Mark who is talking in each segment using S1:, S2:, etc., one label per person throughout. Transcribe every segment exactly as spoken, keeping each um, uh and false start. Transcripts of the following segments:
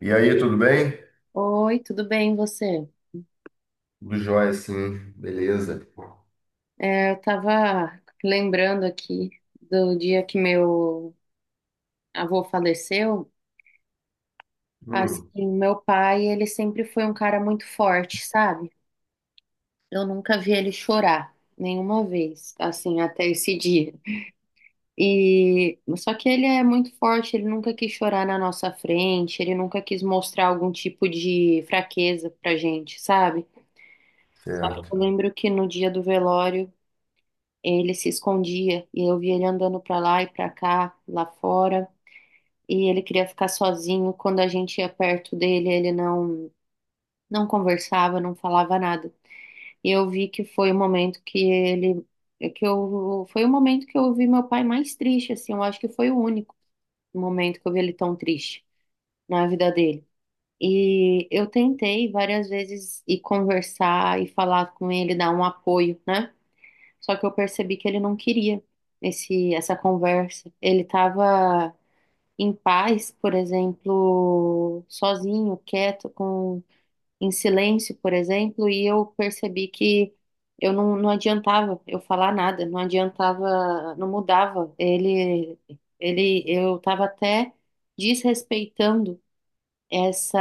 S1: E aí, tudo bem?
S2: Oi, tudo bem, e você?
S1: Tudo jóia, sim. Beleza.
S2: É, eu tava lembrando aqui do dia que meu avô faleceu.
S1: Hum,
S2: Assim, meu pai, ele sempre foi um cara muito forte, sabe? Eu nunca vi ele chorar, nenhuma vez, assim, até esse dia. E só que ele é muito forte, ele nunca quis chorar na nossa frente, ele nunca quis mostrar algum tipo de fraqueza pra gente, sabe? Só
S1: certo.
S2: que eu lembro que no dia do velório ele se escondia e eu via ele andando para lá e para cá, lá fora, e ele queria ficar sozinho. Quando a gente ia perto dele, ele não não conversava, não falava nada. E eu vi que foi o momento que ele que eu foi o momento que eu vi meu pai mais triste, assim, eu acho que foi o único momento que eu vi ele tão triste na vida dele. E eu tentei várias vezes ir conversar e falar com ele, dar um apoio, né? Só que eu percebi que ele não queria esse, essa conversa. Ele estava em paz, por exemplo, sozinho, quieto, com, em silêncio, por exemplo, e eu percebi que eu não, não adiantava eu falar nada, não adiantava, não mudava. Ele, ele, eu estava até desrespeitando essa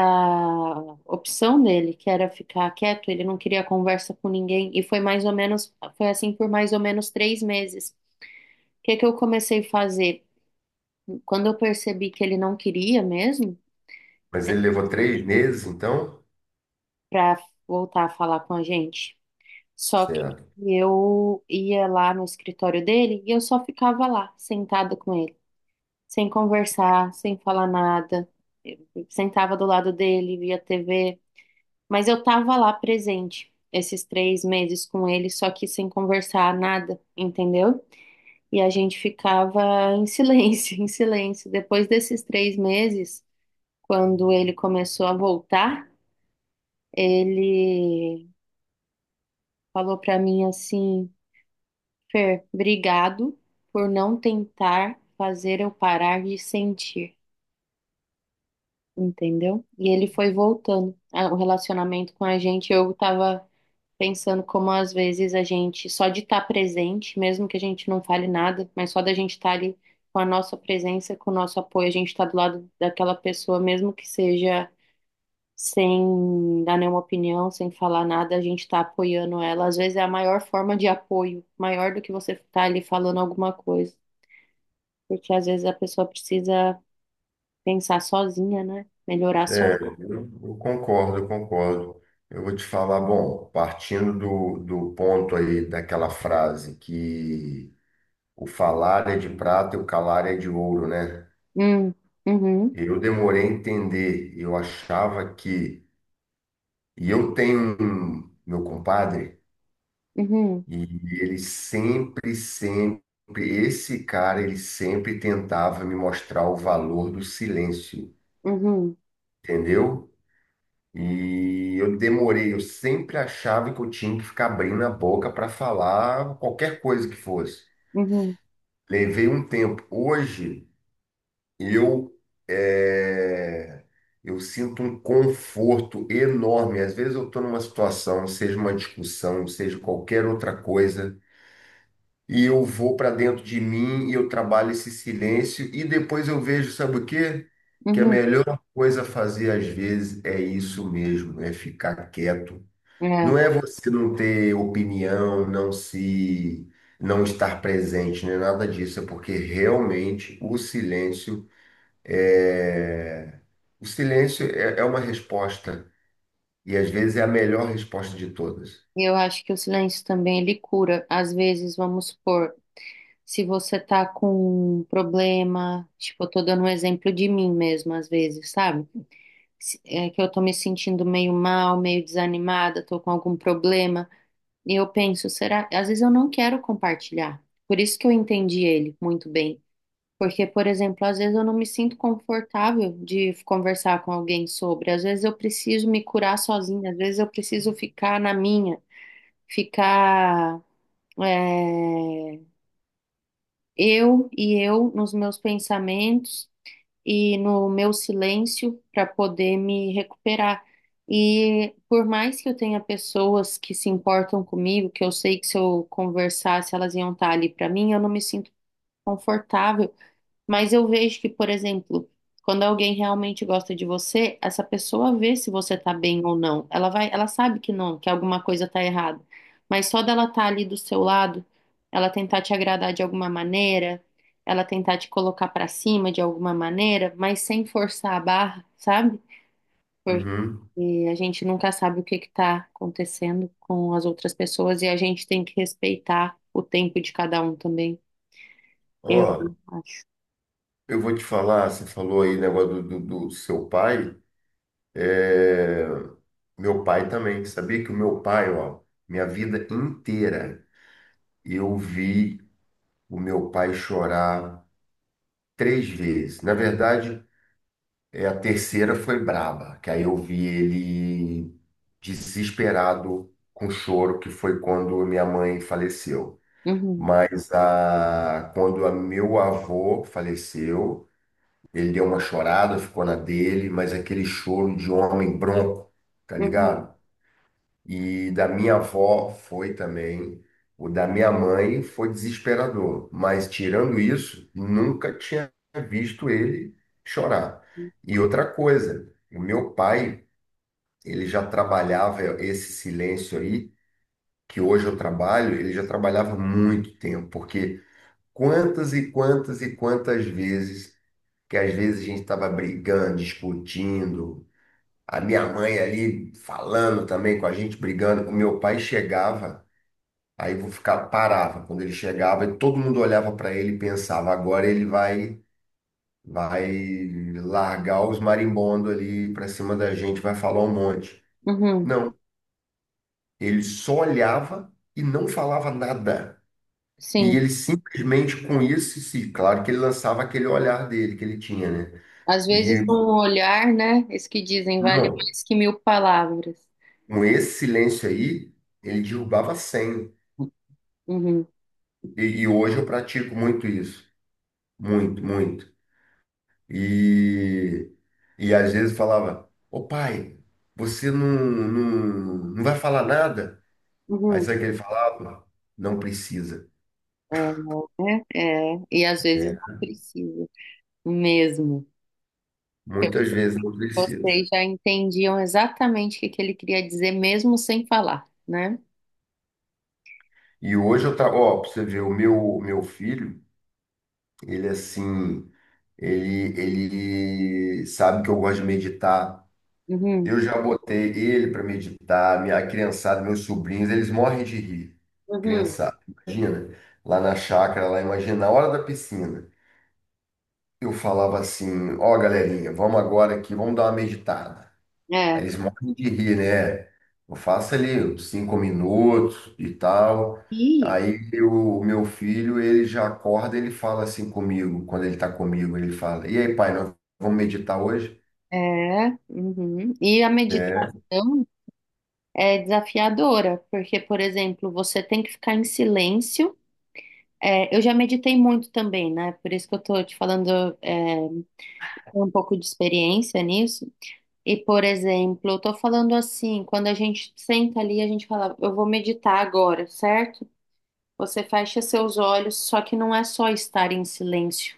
S2: opção dele, que era ficar quieto, ele não queria conversa com ninguém, e foi mais ou menos, foi assim por mais ou menos três meses. O que que eu comecei a fazer? Quando eu percebi que ele não queria mesmo,
S1: Mas ele levou três meses, então?
S2: para voltar a falar com a gente, só que
S1: Certo.
S2: eu ia lá no escritório dele e eu só ficava lá, sentada com ele, sem conversar, sem falar nada. Eu sentava do lado dele, via T V. Mas eu tava lá presente esses três meses com ele, só que sem conversar nada, entendeu? E a gente ficava em silêncio, em silêncio. Depois desses três meses, quando ele começou a voltar, ele falou pra mim assim: Fer, obrigado por não tentar fazer eu parar de sentir, entendeu? E ele foi voltando. Ah, o relacionamento com a gente, eu tava pensando como às vezes a gente, só de estar presente, mesmo que a gente não fale nada, mas só da gente estar ali com a nossa presença, com o nosso apoio, a gente está do lado daquela pessoa, mesmo que seja sem dar nenhuma opinião, sem falar nada, a gente está apoiando ela. Às vezes é a maior forma de apoio, maior do que você estar ali falando alguma coisa, porque às vezes a pessoa precisa pensar sozinha, né? Melhorar só.
S1: É, eu eu concordo, eu concordo. Eu vou te falar, bom, partindo do, do ponto aí daquela frase que o falar é de prata e o calar é de ouro, né?
S2: Hum, uhum,
S1: Eu demorei a entender, eu achava que. E eu tenho um, meu compadre.
S2: uhum,
S1: E ele sempre, sempre, esse cara, ele sempre tentava me mostrar o valor do silêncio,
S2: uhum,
S1: entendeu? E eu demorei, eu sempre achava que eu tinha que ficar abrindo a boca para falar qualquer coisa que fosse.
S2: uhum,
S1: Levei um tempo. Hoje, eu, é, eu sinto um conforto enorme. Às vezes eu estou numa situação, seja uma discussão, seja qualquer outra coisa, e eu vou para dentro de mim e eu trabalho esse silêncio e depois eu vejo, sabe o quê? Que a
S2: uhum.
S1: melhor coisa a fazer às vezes é isso mesmo, é ficar quieto.
S2: É.
S1: Não é você não ter opinião, não se não estar presente, não é nada disso, é porque realmente o silêncio é o silêncio é, é uma resposta e às vezes é a melhor resposta de todas.
S2: E Eu acho que o silêncio também ele cura. Às vezes, vamos supor, se você tá com um problema, tipo, eu tô dando um exemplo de mim mesma, às vezes, sabe? Se- É que eu tô me sentindo meio mal, meio desanimada, tô com algum problema. E eu penso, será? Às vezes eu não quero compartilhar. Por isso que eu entendi ele muito bem. Porque, por exemplo, às vezes eu não me sinto confortável de conversar com alguém sobre. Às vezes eu preciso me curar sozinha, às vezes eu preciso ficar na minha, ficar. É, eu e eu nos meus pensamentos e no meu silêncio para poder me recuperar. E por mais que eu tenha pessoas que se importam comigo, que eu sei que se eu conversasse elas iam estar ali para mim, eu não me sinto confortável mas eu vejo que, por exemplo, quando alguém realmente gosta de você, essa pessoa vê se você tá bem ou não. Ela vai, ela sabe que não, que alguma coisa tá errada. Mas só dela estar ali do seu lado, ela tentar te agradar de alguma maneira, ela tentar te colocar pra cima de alguma maneira, mas sem forçar a barra, sabe? Porque
S1: Uhum.
S2: a gente nunca sabe o que que tá acontecendo com as outras pessoas e a gente tem que respeitar o tempo de cada um também, eu
S1: Ó,
S2: acho.
S1: eu vou te falar, você falou aí negócio do, do, do seu pai. é, Meu pai também. Sabia que o meu pai, ó, minha vida inteira, eu vi o meu pai chorar três vezes. Na verdade, é, a terceira foi braba, que aí eu vi ele desesperado com choro, que foi quando minha mãe faleceu.
S2: Uhum.
S1: Mas a... quando a meu avô faleceu, ele deu uma chorada, ficou na dele, mas aquele choro de homem bronco, tá
S2: Uhum.
S1: ligado? E da minha avó foi também. O da minha mãe foi desesperador. Mas tirando isso, nunca tinha visto ele chorar. E outra coisa, o meu pai, ele já trabalhava esse silêncio aí, que hoje eu trabalho, ele já trabalhava há muito tempo, porque quantas e quantas e quantas vezes que às vezes a gente estava brigando, discutindo, a minha mãe ali falando também com a gente, brigando, o meu pai chegava, aí vou ficar parava quando ele chegava e todo mundo olhava para ele e pensava, agora ele vai vai largar os marimbondos ali para cima da gente, vai falar um monte.
S2: Uhum,
S1: Não, ele só olhava e não falava nada. E
S2: sim.
S1: ele simplesmente com isso, sim, claro que ele lançava aquele olhar dele que ele tinha, né?
S2: Às vezes
S1: E
S2: um olhar, né? Isso que dizem vale
S1: não,
S2: mais que mil palavras.
S1: com esse silêncio aí, ele derrubava cem.
S2: Uhum,
S1: E, e hoje eu pratico muito isso. Muito, muito. E, e às vezes falava, ô pai, você não, não, não vai falar nada? Aí sabe
S2: uhum.
S1: o que ele falava? Não precisa.
S2: É, né? é. E às vezes
S1: É,
S2: não precisa mesmo. Porque
S1: muitas
S2: você-
S1: vezes não precisa.
S2: vocês já entendiam exatamente o que que ele queria dizer, mesmo sem falar, né?
S1: E hoje eu trago, ó, pra você ver, o meu, meu filho, ele assim, ele, ele sabe que eu gosto de meditar.
S2: Uhum,
S1: Eu já botei ele para meditar, minha criançada, meus sobrinhos, eles morrem de rir.
S2: uhum.
S1: Criançada, imagina, lá na chácara, lá, imagina, na hora da piscina. Eu falava assim: ó, galerinha, vamos agora aqui, vamos dar uma meditada. Aí
S2: É.
S1: eles morrem de rir, né? Eu faço ali uns cinco minutos e tal.
S2: E,
S1: Aí o meu filho, ele já acorda, ele fala assim comigo, quando ele tá comigo, ele fala: e aí, pai, nós vamos meditar hoje?
S2: é, uhum. E a
S1: É,
S2: meditação é desafiadora, porque, por exemplo, você tem que ficar em silêncio. É, eu já meditei muito também, né? Por isso que eu tô te falando é, um pouco de experiência nisso. E, por exemplo, eu tô falando assim, quando a gente senta ali, a gente fala, eu vou meditar agora, certo? Você fecha seus olhos, só que não é só estar em silêncio,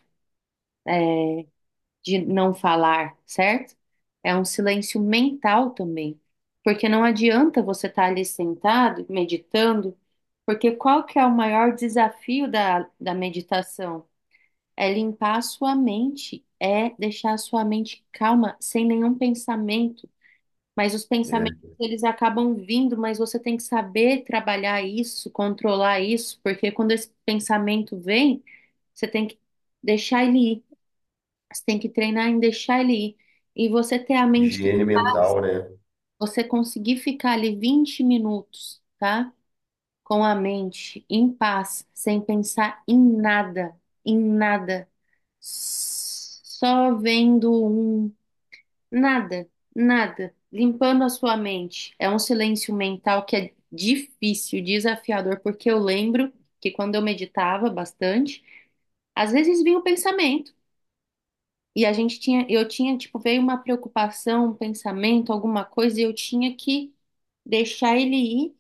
S2: de não falar, certo? É um silêncio mental também. Porque não adianta você estar ali sentado, meditando, porque qual que é o maior desafio da, da meditação? É limpar a sua mente, é deixar a sua mente calma, sem nenhum pensamento. Mas os
S1: é,
S2: pensamentos, eles acabam vindo, mas você tem que saber trabalhar isso, controlar isso, porque quando esse pensamento vem, você tem que deixar ele ir. Você tem que treinar em deixar ele ir. E você ter a mente,
S1: higiene mental, né?
S2: você conseguir ficar ali vinte minutos, tá? Com a mente em paz, sem pensar em nada, em nada. Só vendo um nada, nada, limpando a sua mente. É um silêncio mental que é difícil, desafiador, porque eu lembro que quando eu meditava bastante, às vezes vinha o pensamento e a gente tinha, eu tinha, tipo, veio uma preocupação, um pensamento, alguma coisa, e eu tinha que deixar ele ir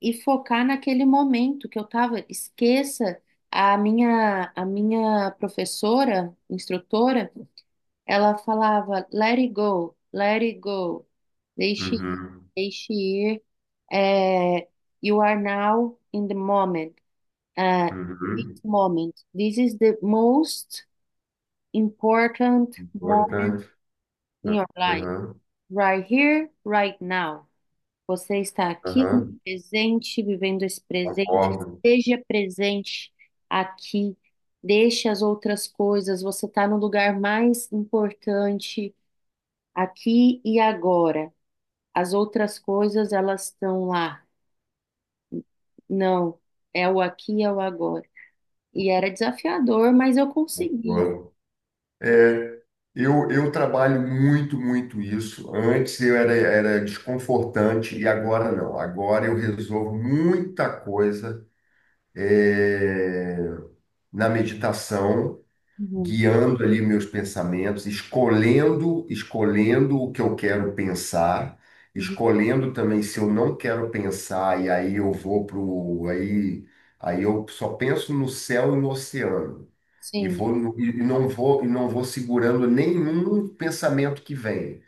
S2: e focar naquele momento que eu tava. Esqueça a minha, a minha professora, instrutora ela falava, let it go, let it go, deixe,
S1: Uhum.
S2: deixe ir, é, you are now in the moment, é, this
S1: Uhum.
S2: moment, this is the most important moment
S1: Importante.
S2: in your life,
S1: Aham,
S2: right here, right now. Você está aqui,
S1: aham.
S2: no presente, vivendo esse presente,
S1: Concordo,
S2: seja presente aqui, deixe as outras coisas, você está no lugar mais importante aqui e agora. As outras coisas, elas estão lá. Não, é o aqui, é o agora. E era desafiador, mas eu conseguia.
S1: concordo. É, eu, eu trabalho muito, muito isso. Antes eu era, era desconfortante e agora não. Agora eu resolvo muita coisa, é, na meditação,
S2: Uhum,
S1: guiando ali meus pensamentos, escolhendo, escolhendo o que eu quero pensar,
S2: uhum.
S1: escolhendo também se eu não quero pensar e aí eu vou pro aí aí eu só penso no céu e no oceano e
S2: Sim,
S1: vou no- e e não vou e não vou segurando nenhum pensamento que vem.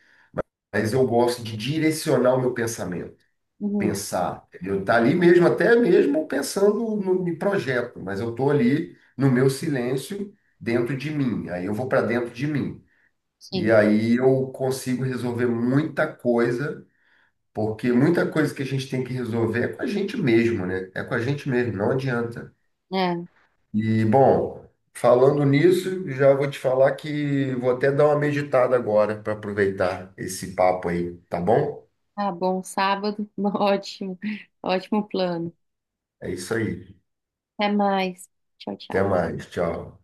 S1: Mas eu gosto de direcionar o meu pensamento
S2: uhum,
S1: pensar. Eu tá ali mesmo, até mesmo pensando no, em projeto, mas eu tô ali no meu silêncio, dentro de mim. Aí eu vou para dentro de mim. E
S2: sim.
S1: aí eu consigo resolver muita coisa, porque muita coisa que a gente tem que resolver é com a gente mesmo, né? É com a gente mesmo, não adianta.
S2: É,
S1: E, bom, falando nisso, já vou te falar que vou até dar uma meditada agora para aproveitar esse papo aí, tá bom?
S2: tá bom, sábado, ótimo, ótimo plano.
S1: É isso aí.
S2: Até mais. Tchau,
S1: Até
S2: tchau.
S1: mais, tchau.